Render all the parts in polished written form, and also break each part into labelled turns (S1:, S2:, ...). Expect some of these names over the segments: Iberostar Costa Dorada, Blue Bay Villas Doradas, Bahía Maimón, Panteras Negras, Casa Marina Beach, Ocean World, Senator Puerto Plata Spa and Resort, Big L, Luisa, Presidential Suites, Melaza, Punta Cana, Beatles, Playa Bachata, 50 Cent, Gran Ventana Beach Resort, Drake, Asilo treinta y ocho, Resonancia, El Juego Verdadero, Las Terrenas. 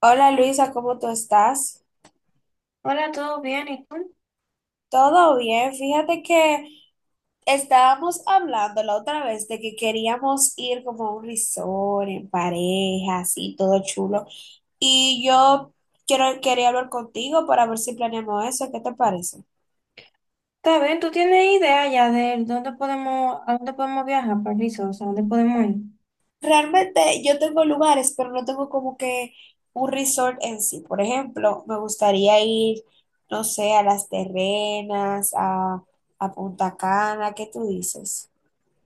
S1: Hola Luisa, ¿cómo tú estás?
S2: Hola, ¿todo bien? ¿Y tú?
S1: Todo bien, fíjate que estábamos hablando la otra vez de que queríamos ir como a un resort en pareja, así todo chulo. Y yo quería hablar contigo para ver si planeamos eso, ¿qué te parece?
S2: ¿Está bien? ¿Tú tienes idea ya de dónde podemos, a dónde podemos viajar, París? O sea, ¿dónde podemos ir?
S1: Realmente yo tengo lugares, pero no tengo como que un resort en sí. Por ejemplo, me gustaría ir, no sé, a Las Terrenas, a Punta Cana, ¿qué tú dices?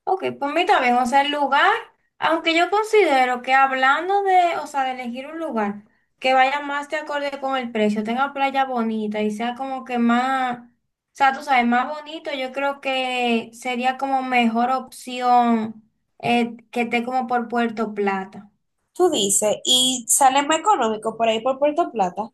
S2: Ok, pues a mí también, o sea, el lugar, aunque yo considero que hablando de, o sea, de elegir un lugar que vaya más de acorde con el precio, tenga playa bonita y sea como que más, o sea, tú sabes, más bonito, yo creo que sería como mejor opción que esté como por Puerto Plata.
S1: Tú dices, y sale más económico por ahí por Puerto Plata.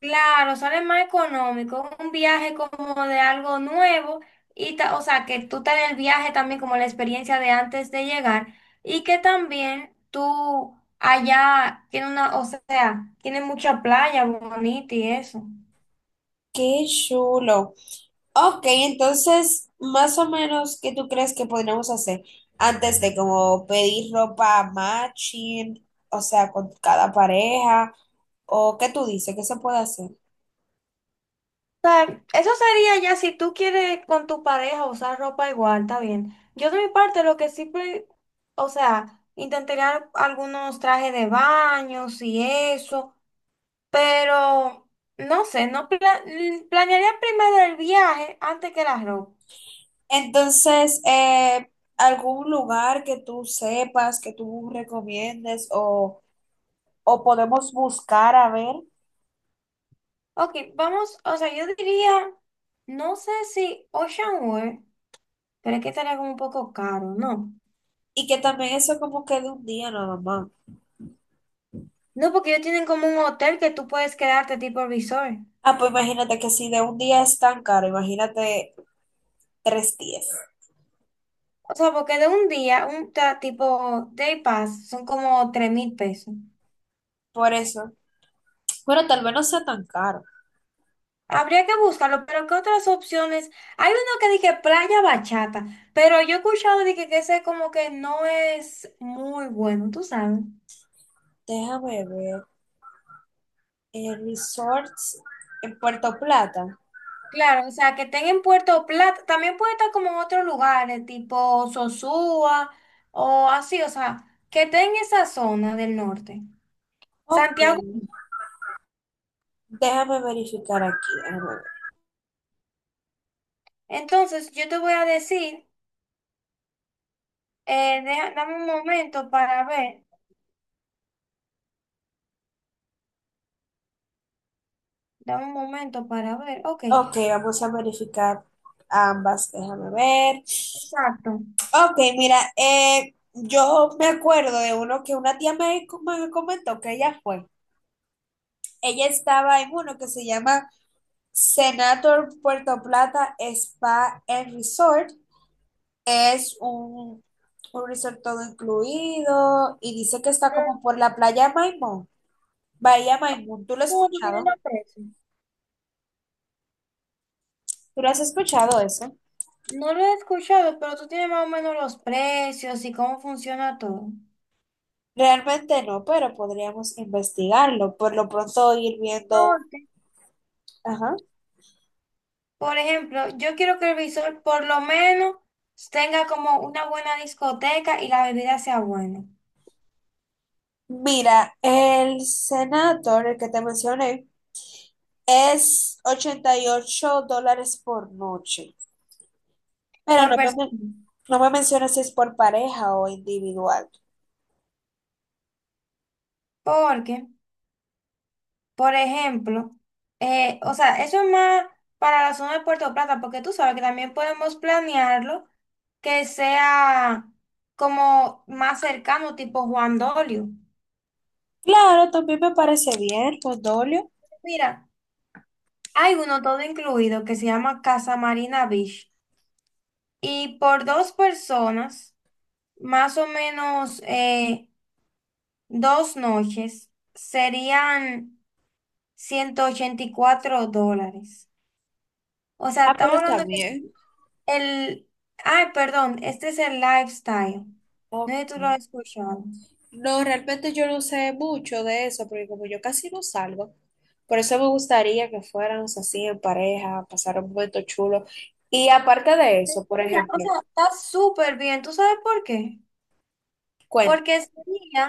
S2: Claro, sale más económico, un viaje como de algo nuevo y o sea, que tú te des el viaje también como la experiencia de antes de llegar y que también tú allá tiene una, o sea, tiene mucha playa bonita y eso.
S1: Qué chulo. Ok, entonces, más o menos, ¿qué tú crees que podríamos hacer antes de como pedir ropa matching, o sea, con cada pareja, o qué tú dices, qué se puede hacer?
S2: O sea, eso sería ya si tú quieres con tu pareja usar ropa igual, está bien. Yo de mi parte lo que siempre, o sea, intentaría algunos trajes de baños y eso. Pero, no sé, no pla- mm, planearía primero el viaje antes que la ropa.
S1: Entonces, algún lugar que tú sepas, que tú recomiendes, o podemos buscar a ver,
S2: Ok, vamos, o sea, yo diría, no sé si Ocean World, pero es que estaría como un poco caro, ¿no?
S1: y que también eso como que de un día nada más.
S2: No, porque ellos tienen como un hotel que tú puedes quedarte tipo resort.
S1: Ah, pues imagínate que si de un día es tan caro, imagínate 3 días.
S2: O sea, porque de un día, un tipo day pass, son como 3,000 pesos.
S1: Por eso. Bueno, tal vez no sea tan caro.
S2: Habría que buscarlo, pero ¿qué otras opciones? Hay uno que dije playa bachata, pero yo he escuchado de que ese como que no es muy bueno, tú sabes.
S1: Déjame ver. Resorts en Puerto Plata.
S2: Claro, o sea, que estén en Puerto Plata, también puede estar como en otros lugares, tipo Sosúa o así, o sea, que estén en esa zona del norte.
S1: Ok.
S2: Santiago.
S1: Déjame verificar aquí. Déjame ver.
S2: Entonces, yo te voy a decir, dame un momento para ver, dame un momento para ver, ok,
S1: Ok, vamos a verificar ambas. Déjame ver.
S2: exacto.
S1: Ok, mira, yo me acuerdo de uno que una tía me comentó que ella fue. Ella estaba en uno que se llama Senator Puerto Plata Spa and Resort es un resort todo incluido y dice que está
S2: Pero,
S1: como por la playa Maimón. Bahía Maimón, ¿tú lo has
S2: ¿cómo tú tienes
S1: escuchado?
S2: los precios?
S1: ¿Tú lo has escuchado eso?
S2: No lo he escuchado, pero tú tienes más o menos los precios y cómo funciona todo.
S1: Realmente no, pero podríamos investigarlo. Por lo pronto ir viendo.
S2: Ok.
S1: Ajá.
S2: Por ejemplo, yo quiero que el visor por lo menos tenga como una buena discoteca y la bebida sea buena
S1: Mira, el Senator, el que te mencioné, es $88 por noche. Pero
S2: por persona.
S1: no me mencionas si es por pareja o individual.
S2: Porque, por ejemplo, o sea, eso es más para la zona de Puerto Plata, porque tú sabes que también podemos planearlo que sea como más cercano, tipo Juan Dolio.
S1: Claro, también me parece bien, Condolio.
S2: Mira. Hay uno todo incluido que se llama Casa Marina Beach y por dos personas, más o menos dos noches, serían 184 dólares. O sea,
S1: Ah, pero
S2: estamos
S1: está
S2: hablando que
S1: bien.
S2: el... Ay, perdón, este es el lifestyle. No
S1: Ok.
S2: sé si tú lo has escuchado.
S1: No, realmente yo no sé mucho de eso, porque como yo casi no salgo, por eso me gustaría que fuéramos así en pareja, pasar un momento chulo. Y aparte de eso, por
S2: Mira, o
S1: ejemplo,
S2: sea, está súper bien. ¿Tú sabes por qué?
S1: cuenta.
S2: Porque sería,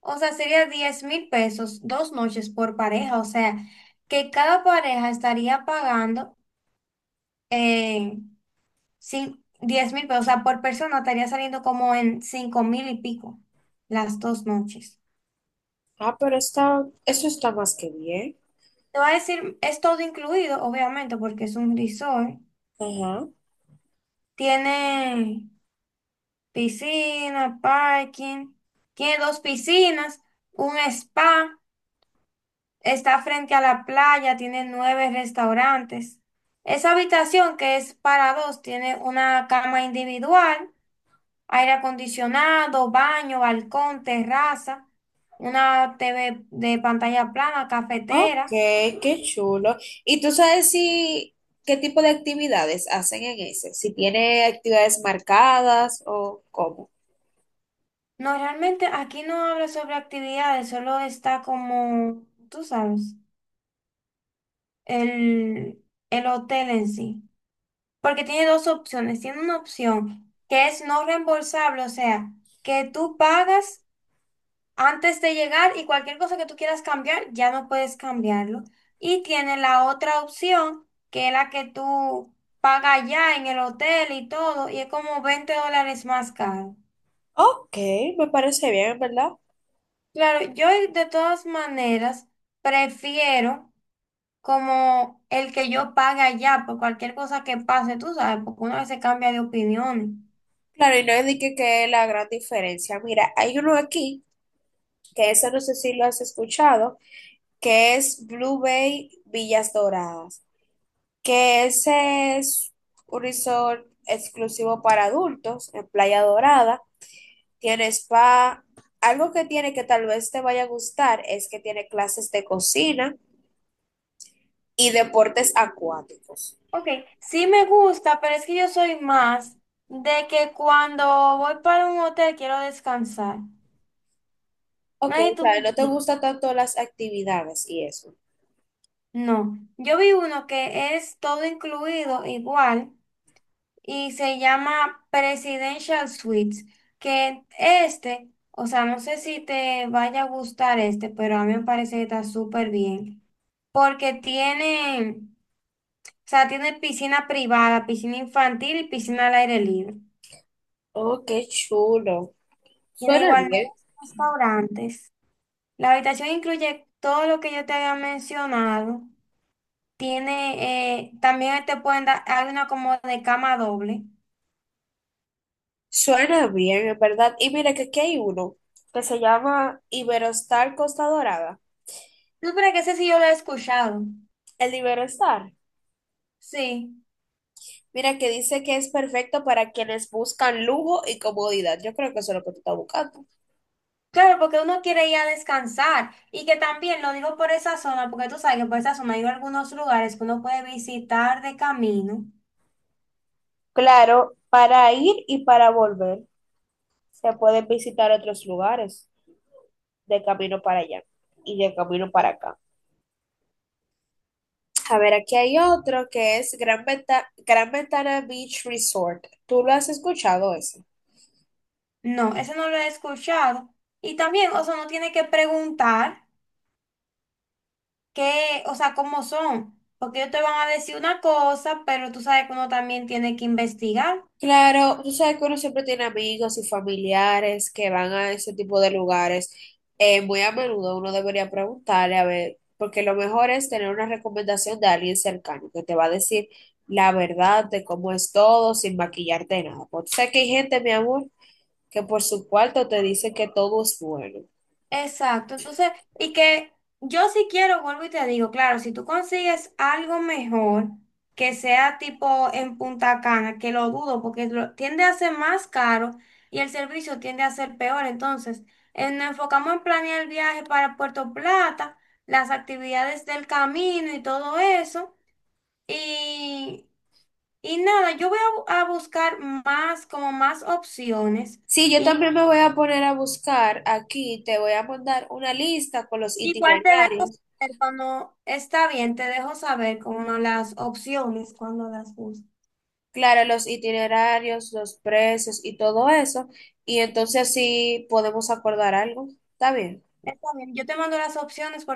S2: o sea, sería 10,000 pesos dos noches por pareja, o sea, que cada pareja estaría pagando eh, 10,000 pesos, o sea, por persona estaría saliendo como en 5 mil y pico las dos noches.
S1: Ah, pero está, eso está más que bien.
S2: Te voy a decir, es todo incluido, obviamente, porque es un resort.
S1: Ajá.
S2: Tiene piscina, parking, tiene dos piscinas, un spa. Está frente a la playa, tiene nueve restaurantes. Esa habitación que es para dos tiene una cama individual, aire acondicionado, baño, balcón, terraza, una TV de pantalla plana,
S1: Ok,
S2: cafetera.
S1: qué chulo. ¿Y tú sabes si qué tipo de actividades hacen en ese? Si tiene actividades marcadas o cómo.
S2: No, realmente aquí no habla sobre actividades, solo está como, tú sabes, el, el hotel en sí. Porque tiene dos opciones. Tiene una opción que es no reembolsable, o sea, que tú pagas antes de llegar y cualquier cosa que tú quieras cambiar, ya no puedes cambiarlo. Y tiene la otra opción, que es la que tú pagas ya en el hotel y todo, y es como 20 dólares más caro.
S1: Ok, me parece bien, ¿verdad?
S2: Claro, yo de todas maneras prefiero como el que yo pague allá por cualquier cosa que pase, tú sabes, porque uno a veces cambia de opiniones.
S1: Claro, y no es de que la gran diferencia. Mira, hay uno aquí, que eso no sé si lo has escuchado, que es Blue Bay Villas Doradas, que ese es un resort exclusivo para adultos en Playa Dorada tiene spa. Algo que tiene que tal vez te vaya a gustar es que tiene clases de cocina y deportes acuáticos.
S2: Ok, sí me gusta, pero es que yo soy más de que cuando voy para un hotel quiero descansar.
S1: Ok,
S2: Nadie
S1: o
S2: tú me
S1: sea, no te
S2: entiendes.
S1: gustan tanto las actividades y eso.
S2: No, yo vi uno que es todo incluido igual y se llama Presidential Suites, que este, o sea, no sé si te vaya a gustar este, pero a mí me parece que está súper bien, porque tiene, o sea, tiene piscina privada, piscina infantil y piscina al aire libre.
S1: Oh, qué chulo.
S2: Tiene
S1: Suena
S2: igual nueve
S1: bien.
S2: restaurantes. La habitación incluye todo lo que yo te había mencionado. Tiene, también te pueden dar, hay una como de cama doble.
S1: Suena bien, en verdad. Y mira que aquí hay uno que se llama Iberostar Costa Dorada.
S2: ¿Tú pero que ese sí yo lo he escuchado.
S1: El de Iberostar.
S2: Sí.
S1: Mira que dice que es perfecto para quienes buscan lujo y comodidad. Yo creo que eso es lo que tú estás buscando.
S2: Claro, porque uno quiere ir a descansar. Y que también lo digo por esa zona, porque tú sabes que por esa zona hay algunos lugares que uno puede visitar de camino.
S1: Claro, para ir y para volver. Se pueden visitar otros lugares de camino para allá y de camino para acá. A ver, aquí hay otro que es Gran Ventana Beach Resort. ¿Tú lo has escuchado ese?
S2: No, ese no lo he escuchado. Y también, o sea, uno tiene que preguntar qué, o sea, cómo son. Porque ellos te van a decir una cosa, pero tú sabes que uno también tiene que investigar.
S1: Claro, tú sabes que uno siempre tiene amigos y familiares que van a ese tipo de lugares. Muy a menudo uno debería preguntarle, a ver, porque lo mejor es tener una recomendación de alguien cercano que te va a decir la verdad de cómo es todo sin maquillarte de nada. Porque tú que hay gente, mi amor, que por su cuarto te dice que todo es bueno.
S2: Exacto, entonces, y que yo si quiero, vuelvo y te digo, claro, si tú consigues algo mejor que sea tipo en Punta Cana, que lo dudo porque tiende a ser más caro y el servicio tiende a ser peor, entonces nos enfocamos en planear el viaje para Puerto Plata, las actividades del camino y todo eso, y, y nada, yo voy a buscar más, como más opciones.
S1: Sí, yo también me voy a poner a buscar aquí, te voy a mandar una lista con los
S2: Igual te dejo
S1: itinerarios,
S2: saber cuando está bien, te dejo saber como las opciones cuando las busques.
S1: claro, los itinerarios, los precios y todo eso, y entonces así podemos acordar algo. ¿Está bien?
S2: Está bien, yo te mando las opciones.